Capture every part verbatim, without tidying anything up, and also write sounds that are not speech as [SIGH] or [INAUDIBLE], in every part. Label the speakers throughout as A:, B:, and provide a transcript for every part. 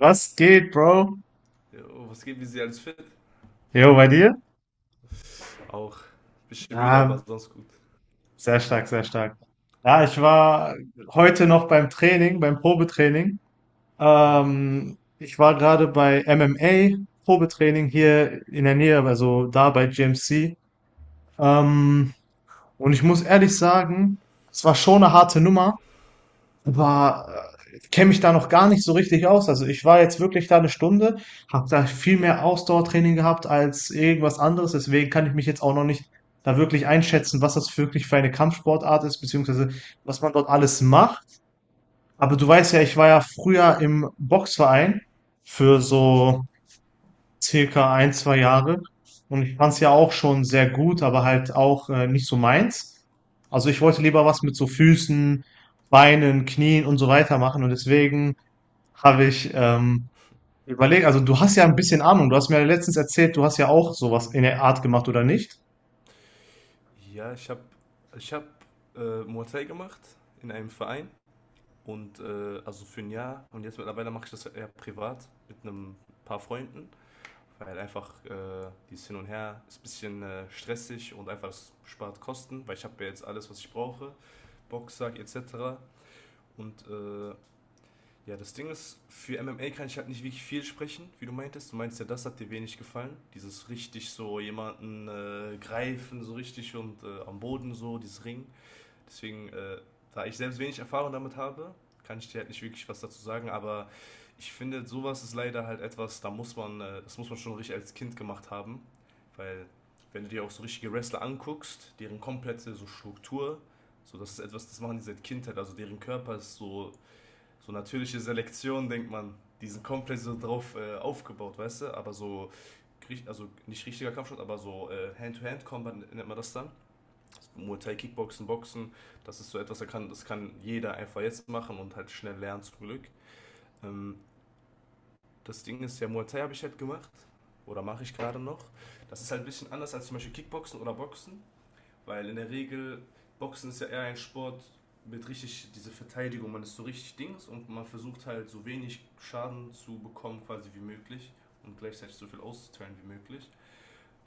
A: Was geht, Bro?
B: Jo, was geht, wie sie alles fit?
A: Jo, bei dir?
B: Auch ein bisschen müde, aber
A: Ja,
B: sonst gut.
A: sehr stark, sehr stark. Ja, ich war heute noch beim Training, beim Probetraining.
B: Mhm.
A: Ähm, ich war gerade bei M M A Probetraining hier in der Nähe, also da bei G M C. Ähm, und ich muss ehrlich sagen, es war schon eine harte Nummer. war, Kenne mich da noch gar nicht so richtig aus. Also ich war jetzt wirklich da eine Stunde, habe da viel mehr Ausdauertraining gehabt als irgendwas anderes. Deswegen kann ich mich jetzt auch noch nicht da wirklich einschätzen, was das wirklich für eine Kampfsportart ist, beziehungsweise was man dort alles macht. Aber du weißt ja, ich war ja früher im Boxverein für
B: Mhm.
A: so circa ein zwei Jahre. Und ich fand es ja auch schon sehr gut, aber halt auch, äh, nicht so meins. Also ich wollte lieber was mit so Füßen, Beinen, Knien und so weiter machen. Und deswegen habe ich ähm, überlegt, also du hast ja ein bisschen Ahnung. Du hast mir ja letztens erzählt, du hast ja auch sowas in der Art gemacht, oder nicht?
B: Ja, ich habe ich hab, äh, Muay Thai gemacht in einem Verein und äh, also für ein Jahr, und jetzt mittlerweile mache ich das eher privat mit einem paar Freunden, weil einfach äh, dieses Hin und Her ist ein bisschen äh, stressig, und einfach es spart Kosten, weil ich habe ja jetzt alles, was ich brauche, Boxsack et cetera. Und äh, ja, das Ding ist, für M M A kann ich halt nicht wirklich viel sprechen, wie du meintest. Du meinst ja, das hat dir wenig gefallen. Dieses richtig so jemanden äh, greifen, so richtig, und äh, am Boden so, dieses Ring. Deswegen, äh, da ich selbst wenig Erfahrung damit habe, kann ich dir halt nicht wirklich was dazu sagen. Aber ich finde, sowas ist leider halt etwas, da muss man, äh, das muss man schon richtig als Kind gemacht haben. Weil, wenn du dir auch so richtige Wrestler anguckst, deren komplette so Struktur, so, das ist etwas, das machen die seit Kindheit. Also deren Körper ist so so natürliche Selektion, denkt man, die sind komplett so drauf äh, aufgebaut, weißt du? Aber so, also nicht richtiger Kampfsport, aber so äh, Hand-to-Hand-Combat nennt man das dann. Muay Thai, Kickboxen, Boxen, das ist so etwas, das kann, das kann jeder einfach jetzt machen und halt schnell lernen, zum Glück. Ähm, Das Ding ist ja, Muay Thai habe ich halt gemacht oder mache ich gerade noch. Das ist halt ein bisschen anders als zum Beispiel Kickboxen oder Boxen. Weil in der Regel, Boxen ist ja eher ein Sport mit richtig diese Verteidigung, man ist so richtig Dings, und man versucht halt so wenig Schaden zu bekommen quasi wie möglich und gleichzeitig so viel auszuteilen wie möglich.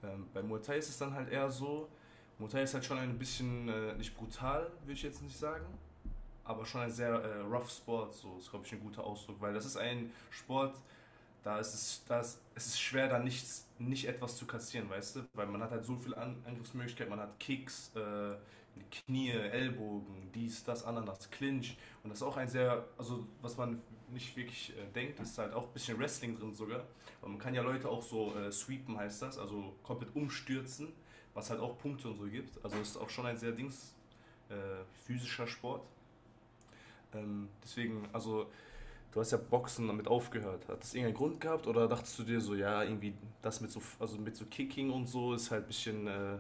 B: Ähm, bei Muay Thai ist es dann halt eher so, Muay Thai ist halt schon ein bisschen, äh, nicht brutal, würde ich jetzt nicht sagen, aber schon ein sehr äh, rough Sport, so ist glaube ich ein guter Ausdruck, weil das ist ein Sport, da ist es, da ist, es ist schwer, da nichts, nicht etwas zu kassieren, weißt du? Weil man hat halt so viele An Angriffsmöglichkeiten, man hat Kicks, äh, Knie, Ellbogen, dies, das, Ananas, Clinch. Und das ist auch ein sehr, also was man nicht wirklich äh, denkt, ist halt auch ein bisschen Wrestling drin sogar. Aber man kann ja Leute auch so äh, sweepen, heißt das, also komplett umstürzen, was halt auch Punkte und so gibt. Also es ist auch schon ein sehr Dings, äh, physischer Sport. Ähm, deswegen, also du hast ja Boxen damit aufgehört. Hat das irgendeinen Grund gehabt, oder dachtest du dir so, ja, irgendwie das mit so, also mit so Kicking und so ist halt ein bisschen äh,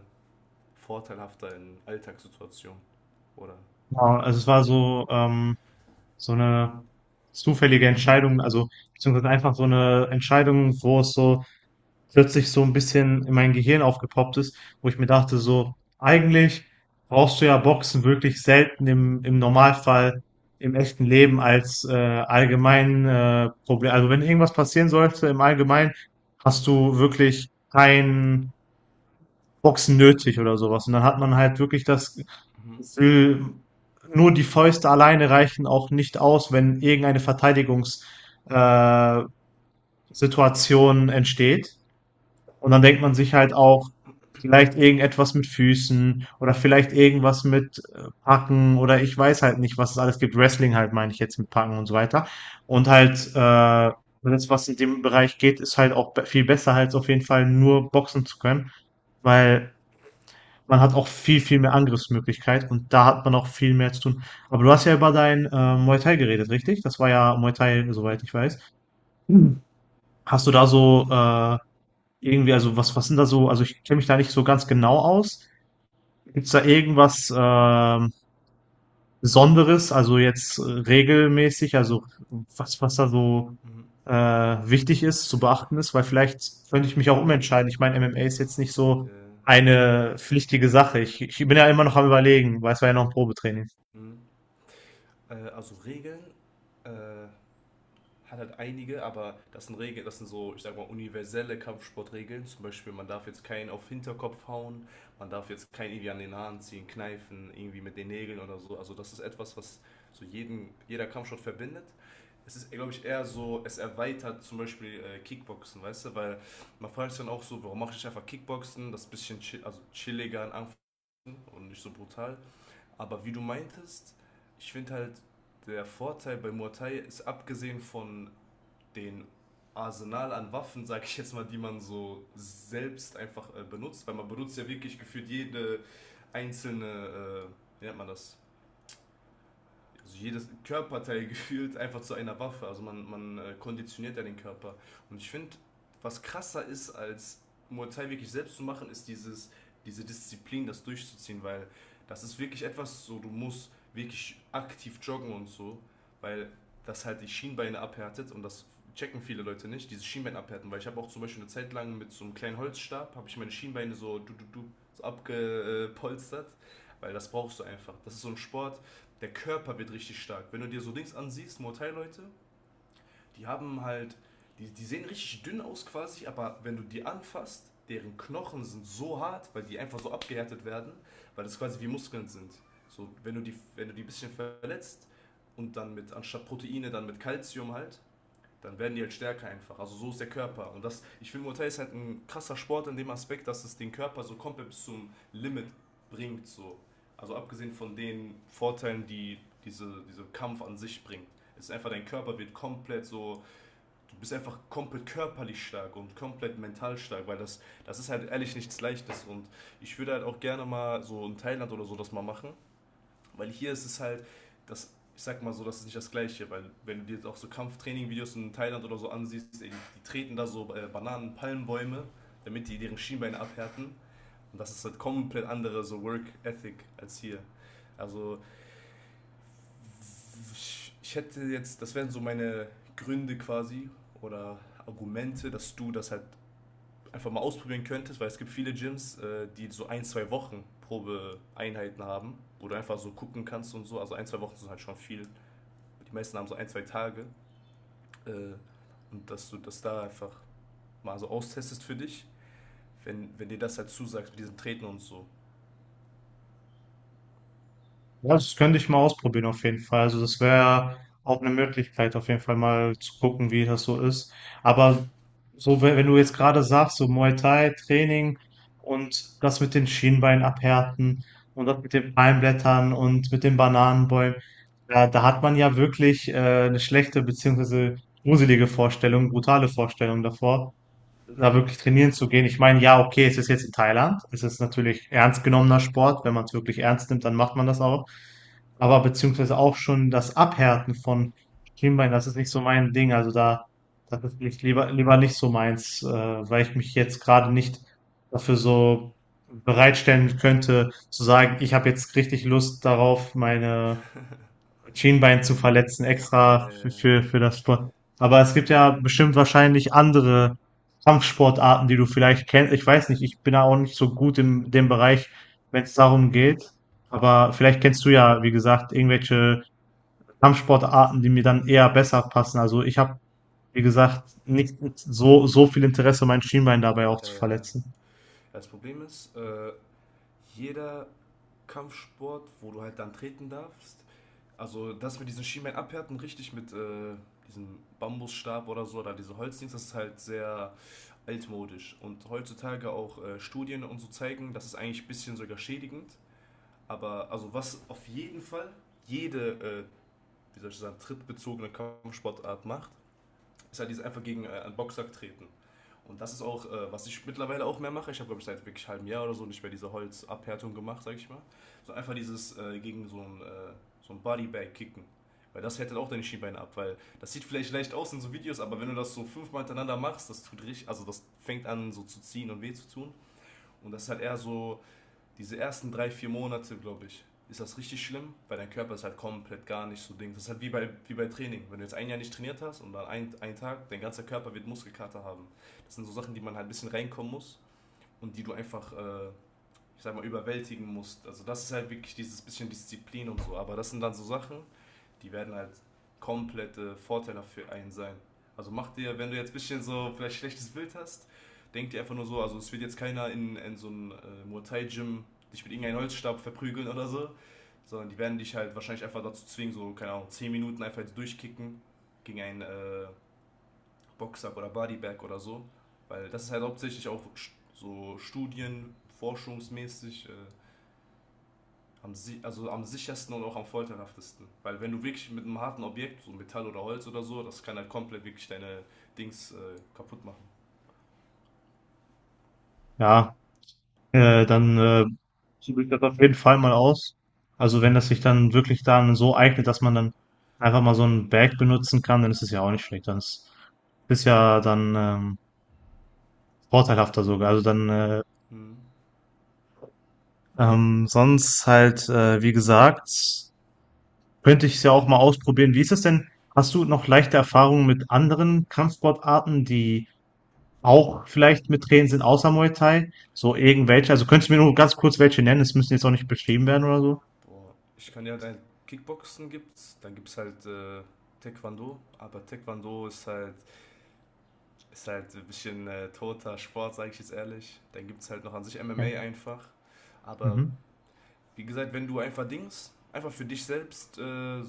B: vorteilhafter in Alltagssituationen? Oder?
A: Ja, also es war so, ähm, so eine zufällige Entscheidung, also beziehungsweise einfach so eine Entscheidung, wo es so plötzlich so ein bisschen in mein Gehirn aufgepoppt ist, wo ich mir dachte so: „Eigentlich brauchst du ja Boxen wirklich selten im im Normalfall im echten Leben als, äh, allgemein, äh, Proble also, wenn irgendwas passieren sollte im Allgemeinen, hast du wirklich kein Boxen nötig oder sowas. Und dann hat man halt wirklich das
B: Mhm.
A: Gefühl, nur die Fäuste alleine reichen auch nicht aus, wenn irgendeine Verteidigungs äh, Situation entsteht. Und dann denkt man sich halt auch, vielleicht irgendetwas mit Füßen oder vielleicht irgendwas mit äh, Packen oder ich weiß halt nicht, was es alles gibt. Wrestling halt meine ich jetzt mit Packen und so weiter. Und
B: Mhm.
A: halt, äh, das, was in dem Bereich geht, ist halt auch be- viel besser, als auf jeden Fall nur boxen zu können, weil man hat auch viel, viel mehr Angriffsmöglichkeit und da hat man auch viel mehr zu tun. Aber du hast ja über dein äh, Muay Thai geredet, richtig? Das war ja Muay Thai,
B: Mhm.
A: soweit ich weiß. Mhm. Hast du da so äh, irgendwie, also was, was sind da so, also ich kenne mich da nicht so ganz genau aus. Gibt's da irgendwas ähm, Besonderes, also jetzt äh, regelmäßig, also was, was da so
B: Mhm.
A: äh, wichtig ist, zu beachten ist? Weil vielleicht könnte ich mich auch umentscheiden. Ich meine, M M A ist jetzt nicht so
B: Äh,
A: eine pflichtige Sache. Ich, ich bin ja immer noch am Überlegen, weil es war ja noch ein Probetraining.
B: mhm. Äh, also Regeln äh, hat halt einige, aber das sind Regeln, das sind so, ich sag mal, universelle Kampfsportregeln. Zum Beispiel, man darf jetzt keinen auf Hinterkopf hauen, man darf jetzt keinen irgendwie an den Haaren ziehen, kneifen, irgendwie mit den Nägeln oder so. Also das ist etwas, was so jeden, jeder Kampfsport verbindet. Es ist, glaube ich, eher so, es erweitert zum Beispiel äh, Kickboxen, weißt du, weil man fragt sich dann auch so, warum mache ich einfach Kickboxen, das ist ein bisschen chill, also chilliger in Anführungszeichen und nicht so brutal. Aber wie du meintest, ich finde halt, der Vorteil bei Muay Thai ist abgesehen von den Arsenal an Waffen, sag ich jetzt mal, die man so selbst einfach äh, benutzt, weil man benutzt ja wirklich gefühlt jede einzelne, äh, wie nennt man das, also jedes Körperteil [LAUGHS] gefühlt einfach zu einer Waffe. Also man, man äh, konditioniert ja den Körper. Und ich finde, was krasser ist, als Muay Thai wirklich selbst zu machen, ist dieses, diese Disziplin, das durchzuziehen, weil das ist wirklich etwas so, du musst wirklich aktiv joggen und so, weil das halt die Schienbeine abhärtet, und das checken viele Leute nicht, diese Schienbeine abhärten, weil ich habe auch zum Beispiel eine Zeit lang mit so einem kleinen Holzstab, habe ich meine Schienbeine so, du, du, du, so abgepolstert, weil das brauchst du einfach. Das ist so ein Sport, der Körper wird richtig stark. Wenn du dir so Dings ansiehst, Mortal-Leute, die haben halt, die, die sehen richtig dünn aus quasi, aber wenn du die anfasst, deren Knochen sind so hart, weil die einfach so abgehärtet werden, weil das quasi wie Muskeln sind. So, wenn du die, wenn du die ein bisschen verletzt und dann mit, anstatt Proteine, dann mit Kalzium halt, dann werden die halt stärker einfach. Also so ist der Körper. Und das, ich finde, Muay Thai ist halt ein krasser Sport in dem Aspekt, dass es den Körper so komplett bis zum Limit bringt. So. Also abgesehen von den Vorteilen, die diese, dieser Kampf an sich bringt. Es ist einfach, dein Körper wird komplett so, du bist einfach komplett körperlich stark und komplett mental stark, weil das, das ist halt ehrlich nichts Leichtes. Und ich würde halt auch gerne mal so in Thailand oder so das mal machen, weil hier ist es halt, das, ich sag mal so, das ist nicht das Gleiche, weil wenn du dir jetzt auch so Kampftraining-Videos in Thailand oder so ansiehst, die treten da so äh, Bananen, Palmbäume, damit die deren Schienbeine abhärten. Und das ist halt komplett andere so Work-Ethic als hier. Also ich, ich hätte jetzt, das wären so meine Gründe quasi oder Argumente, dass du das halt einfach mal ausprobieren könntest, weil es gibt viele Gyms, äh, die so ein, zwei Wochen Probeeinheiten haben, wo du einfach so gucken kannst und so. Also ein, zwei Wochen sind halt schon viel. Die meisten haben so ein, zwei Tage. Äh, und dass du das da einfach mal so austestest für dich, wenn, wenn dir das halt zusagst mit diesen Treten und so.
A: Ja, das könnte ich mal ausprobieren auf jeden Fall. Also das wäre auch eine Möglichkeit, auf jeden Fall mal zu gucken, wie das so ist. Aber so, wenn, wenn du jetzt gerade sagst, so Muay Thai Training und das mit den Schienbeinen abhärten und das mit den Palmblättern und mit den Bananenbäumen, da, da hat man ja wirklich äh, eine schlechte beziehungsweise gruselige Vorstellung, brutale Vorstellung davor da wirklich trainieren zu gehen. Ich meine, ja, okay, es ist jetzt in Thailand. Es ist natürlich ernst genommener Sport. Wenn man es wirklich
B: Mhm.
A: ernst nimmt, dann macht man das auch. Aber beziehungsweise auch schon das Abhärten von Schienbein, das ist nicht so mein Ding. Also da, das ist nicht, lieber, lieber nicht so meins, äh, weil ich mich jetzt gerade nicht dafür so bereitstellen könnte, zu sagen, ich habe jetzt richtig Lust darauf, meine Schienbein zu verletzen
B: [LAUGHS]
A: extra für,
B: äh,
A: für, für das Sport. Aber es gibt ja bestimmt wahrscheinlich andere Kampfsportarten, die du vielleicht kennst. Ich weiß nicht, ich bin da auch nicht so gut in dem Bereich, wenn es darum geht. Aber vielleicht kennst du ja, wie gesagt, irgendwelche Kampfsportarten, die mir dann eher besser passen. Also ich habe, wie gesagt, nicht so, so viel Interesse, mein Schienbein dabei auch zu
B: äh,
A: verletzen.
B: Das Problem ist, äh, jeder Kampfsport, wo du halt dann treten darfst, also das mit diesen Schienbein abhärten, richtig mit äh, diesem Bambusstab oder so, oder diese Holzdings, das ist halt sehr altmodisch. Und heutzutage auch äh, Studien und so zeigen, das ist eigentlich ein bisschen sogar schädigend. Aber also was auf jeden Fall jede, äh, wie soll ich sagen, trittbezogene Kampfsportart macht, ist halt dieses einfach gegen äh, einen Boxsack treten. Und das ist auch, äh, was ich mittlerweile auch mehr mache. Ich habe, glaube ich, seit wirklich einem halben Jahr oder so nicht mehr diese Holzabhärtung gemacht, sag ich mal. So einfach dieses äh, gegen so ein, äh, so ein Bodybag kicken. Weil das härtet auch deine Schienbeine ab, weil das sieht vielleicht leicht aus in so Videos, aber wenn du das so fünfmal hintereinander machst, das tut richtig, also das fängt an so zu ziehen und weh zu tun. Und das ist halt eher so diese ersten drei, vier Monate, glaube ich, ist das richtig schlimm, weil dein Körper ist halt komplett gar nicht so Ding. Das ist halt wie bei, wie bei Training. Wenn du jetzt ein Jahr nicht trainiert hast und dann ein, einen Tag, dein ganzer Körper wird Muskelkater haben. Das sind so Sachen, die man halt ein bisschen reinkommen muss und die du einfach, äh, ich sag mal, überwältigen musst. Also das ist halt wirklich dieses bisschen Disziplin und so. Aber das sind dann so Sachen, die werden halt komplette Vorteile für einen sein. Also mach dir, wenn du jetzt ein bisschen so vielleicht schlechtes Bild hast, denk dir einfach nur so, also es wird jetzt keiner in, in so einem äh, Muay Thai Gym dich mit irgendeinem Holzstab verprügeln oder so, sondern die werden dich halt wahrscheinlich einfach dazu zwingen, so, keine Ahnung, zehn Minuten einfach jetzt durchkicken gegen einen äh, Boxsack oder Bodybag oder so. Weil das ist halt hauptsächlich auch so studien-, forschungsmäßig äh, am, si- also am sichersten und auch am folterhaftesten. Weil wenn du wirklich mit einem harten Objekt, so Metall oder Holz oder so, das kann halt komplett wirklich deine Dings äh, kaputt machen.
A: Ja, äh, dann äh, probiere ich das auf jeden Fall mal aus. Also wenn das sich dann wirklich dann so eignet, dass man dann einfach mal so ein Bag benutzen kann, dann ist es ja auch nicht schlecht. Dann ist, ist ja dann ähm, vorteilhafter sogar. Also dann äh,
B: Hm.
A: ähm, sonst halt, äh, wie gesagt, könnte ich es ja auch mal ausprobieren. Wie ist es denn? Hast du noch leichte Erfahrungen mit anderen Kampfsportarten, die auch vielleicht mit Training sind, außer Muay Thai? So irgendwelche? Also könntest du mir nur
B: Hm.
A: ganz kurz welche nennen? Es müssen jetzt auch nicht beschrieben werden oder so.
B: Boah. Ich kann ja halt Kickboxen gibt's, dann gibt's halt äh, Taekwondo, aber Taekwondo ist halt, ist halt ein bisschen äh, toter Sport, sage ich jetzt ehrlich. Dann gibt's halt noch an sich
A: Okay.
B: M M A einfach. Aber
A: Mhm.
B: wie gesagt, wenn du einfach Dings, einfach für dich selbst, äh,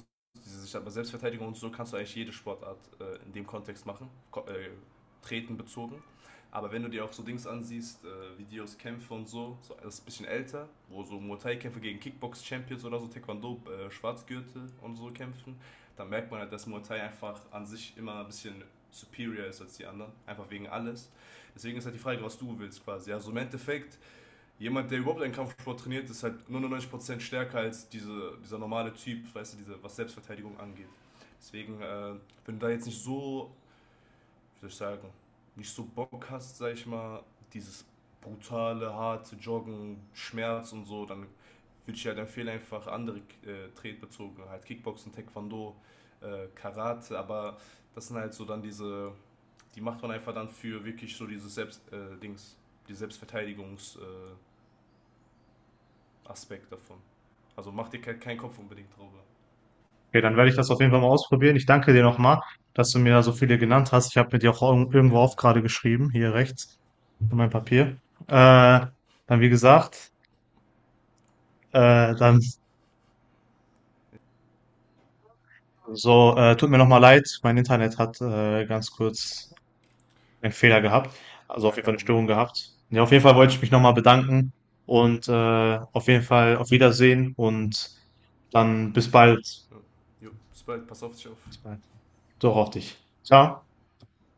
B: diese- ich sag mal, Selbstverteidigung und so, kannst du eigentlich jede Sportart äh, in dem Kontext machen, ko äh, treten bezogen. Aber wenn du dir auch so Dings ansiehst, äh, Videos, Kämpfe und so, so das ist ein bisschen älter, wo so Muay Thai-Kämpfe gegen Kickbox-Champions oder so, Taekwondo, äh, Schwarzgürtel und so kämpfen, dann merkt man halt, dass Muay Thai einfach an sich immer ein bisschen superior ist als die anderen, einfach wegen alles. Deswegen ist halt die Frage, was du willst quasi. Also im Endeffekt, jemand, der überhaupt einen Kampfsport trainiert, ist halt neunundneunzig Prozent stärker als diese, dieser normale Typ, weißt du, diese, was Selbstverteidigung angeht. Deswegen, äh, wenn du da jetzt nicht so, wie soll ich sagen, nicht so Bock hast, sag ich mal, dieses brutale, harte Joggen, Schmerz und so, dann würde ich halt empfehlen, einfach andere äh, Tretbezogene, halt Kickboxen, Taekwondo, äh, Karate, aber das sind halt so dann diese, die macht man einfach dann für wirklich so dieses Selbst, äh, Dings, die Selbstverteidigungs, äh, Aspekt davon. Also mach dir keinen Kopf unbedingt drüber.
A: Okay, dann werde ich das auf jeden Fall mal ausprobieren. Ich danke dir nochmal, dass du mir da so
B: Jo,
A: viele genannt hast. Ich habe mir die auch irgend-
B: sehr
A: irgendwo auf
B: gerne.
A: gerade geschrieben, hier rechts, in meinem Papier. Äh, Dann wie gesagt, äh, dann so, äh, tut mir nochmal leid, mein Internet hat äh, ganz kurz einen Fehler gehabt. Also auf
B: Ja,
A: jeden
B: kein
A: Fall eine
B: Problem.
A: Störung gehabt. Ja, auf jeden Fall wollte ich mich nochmal bedanken und äh, auf jeden Fall auf Wiedersehen und dann bis bald.
B: Ja. Jo, bis bald, pass auf dich auf.
A: Bis bald. Doch auf dich. Ciao.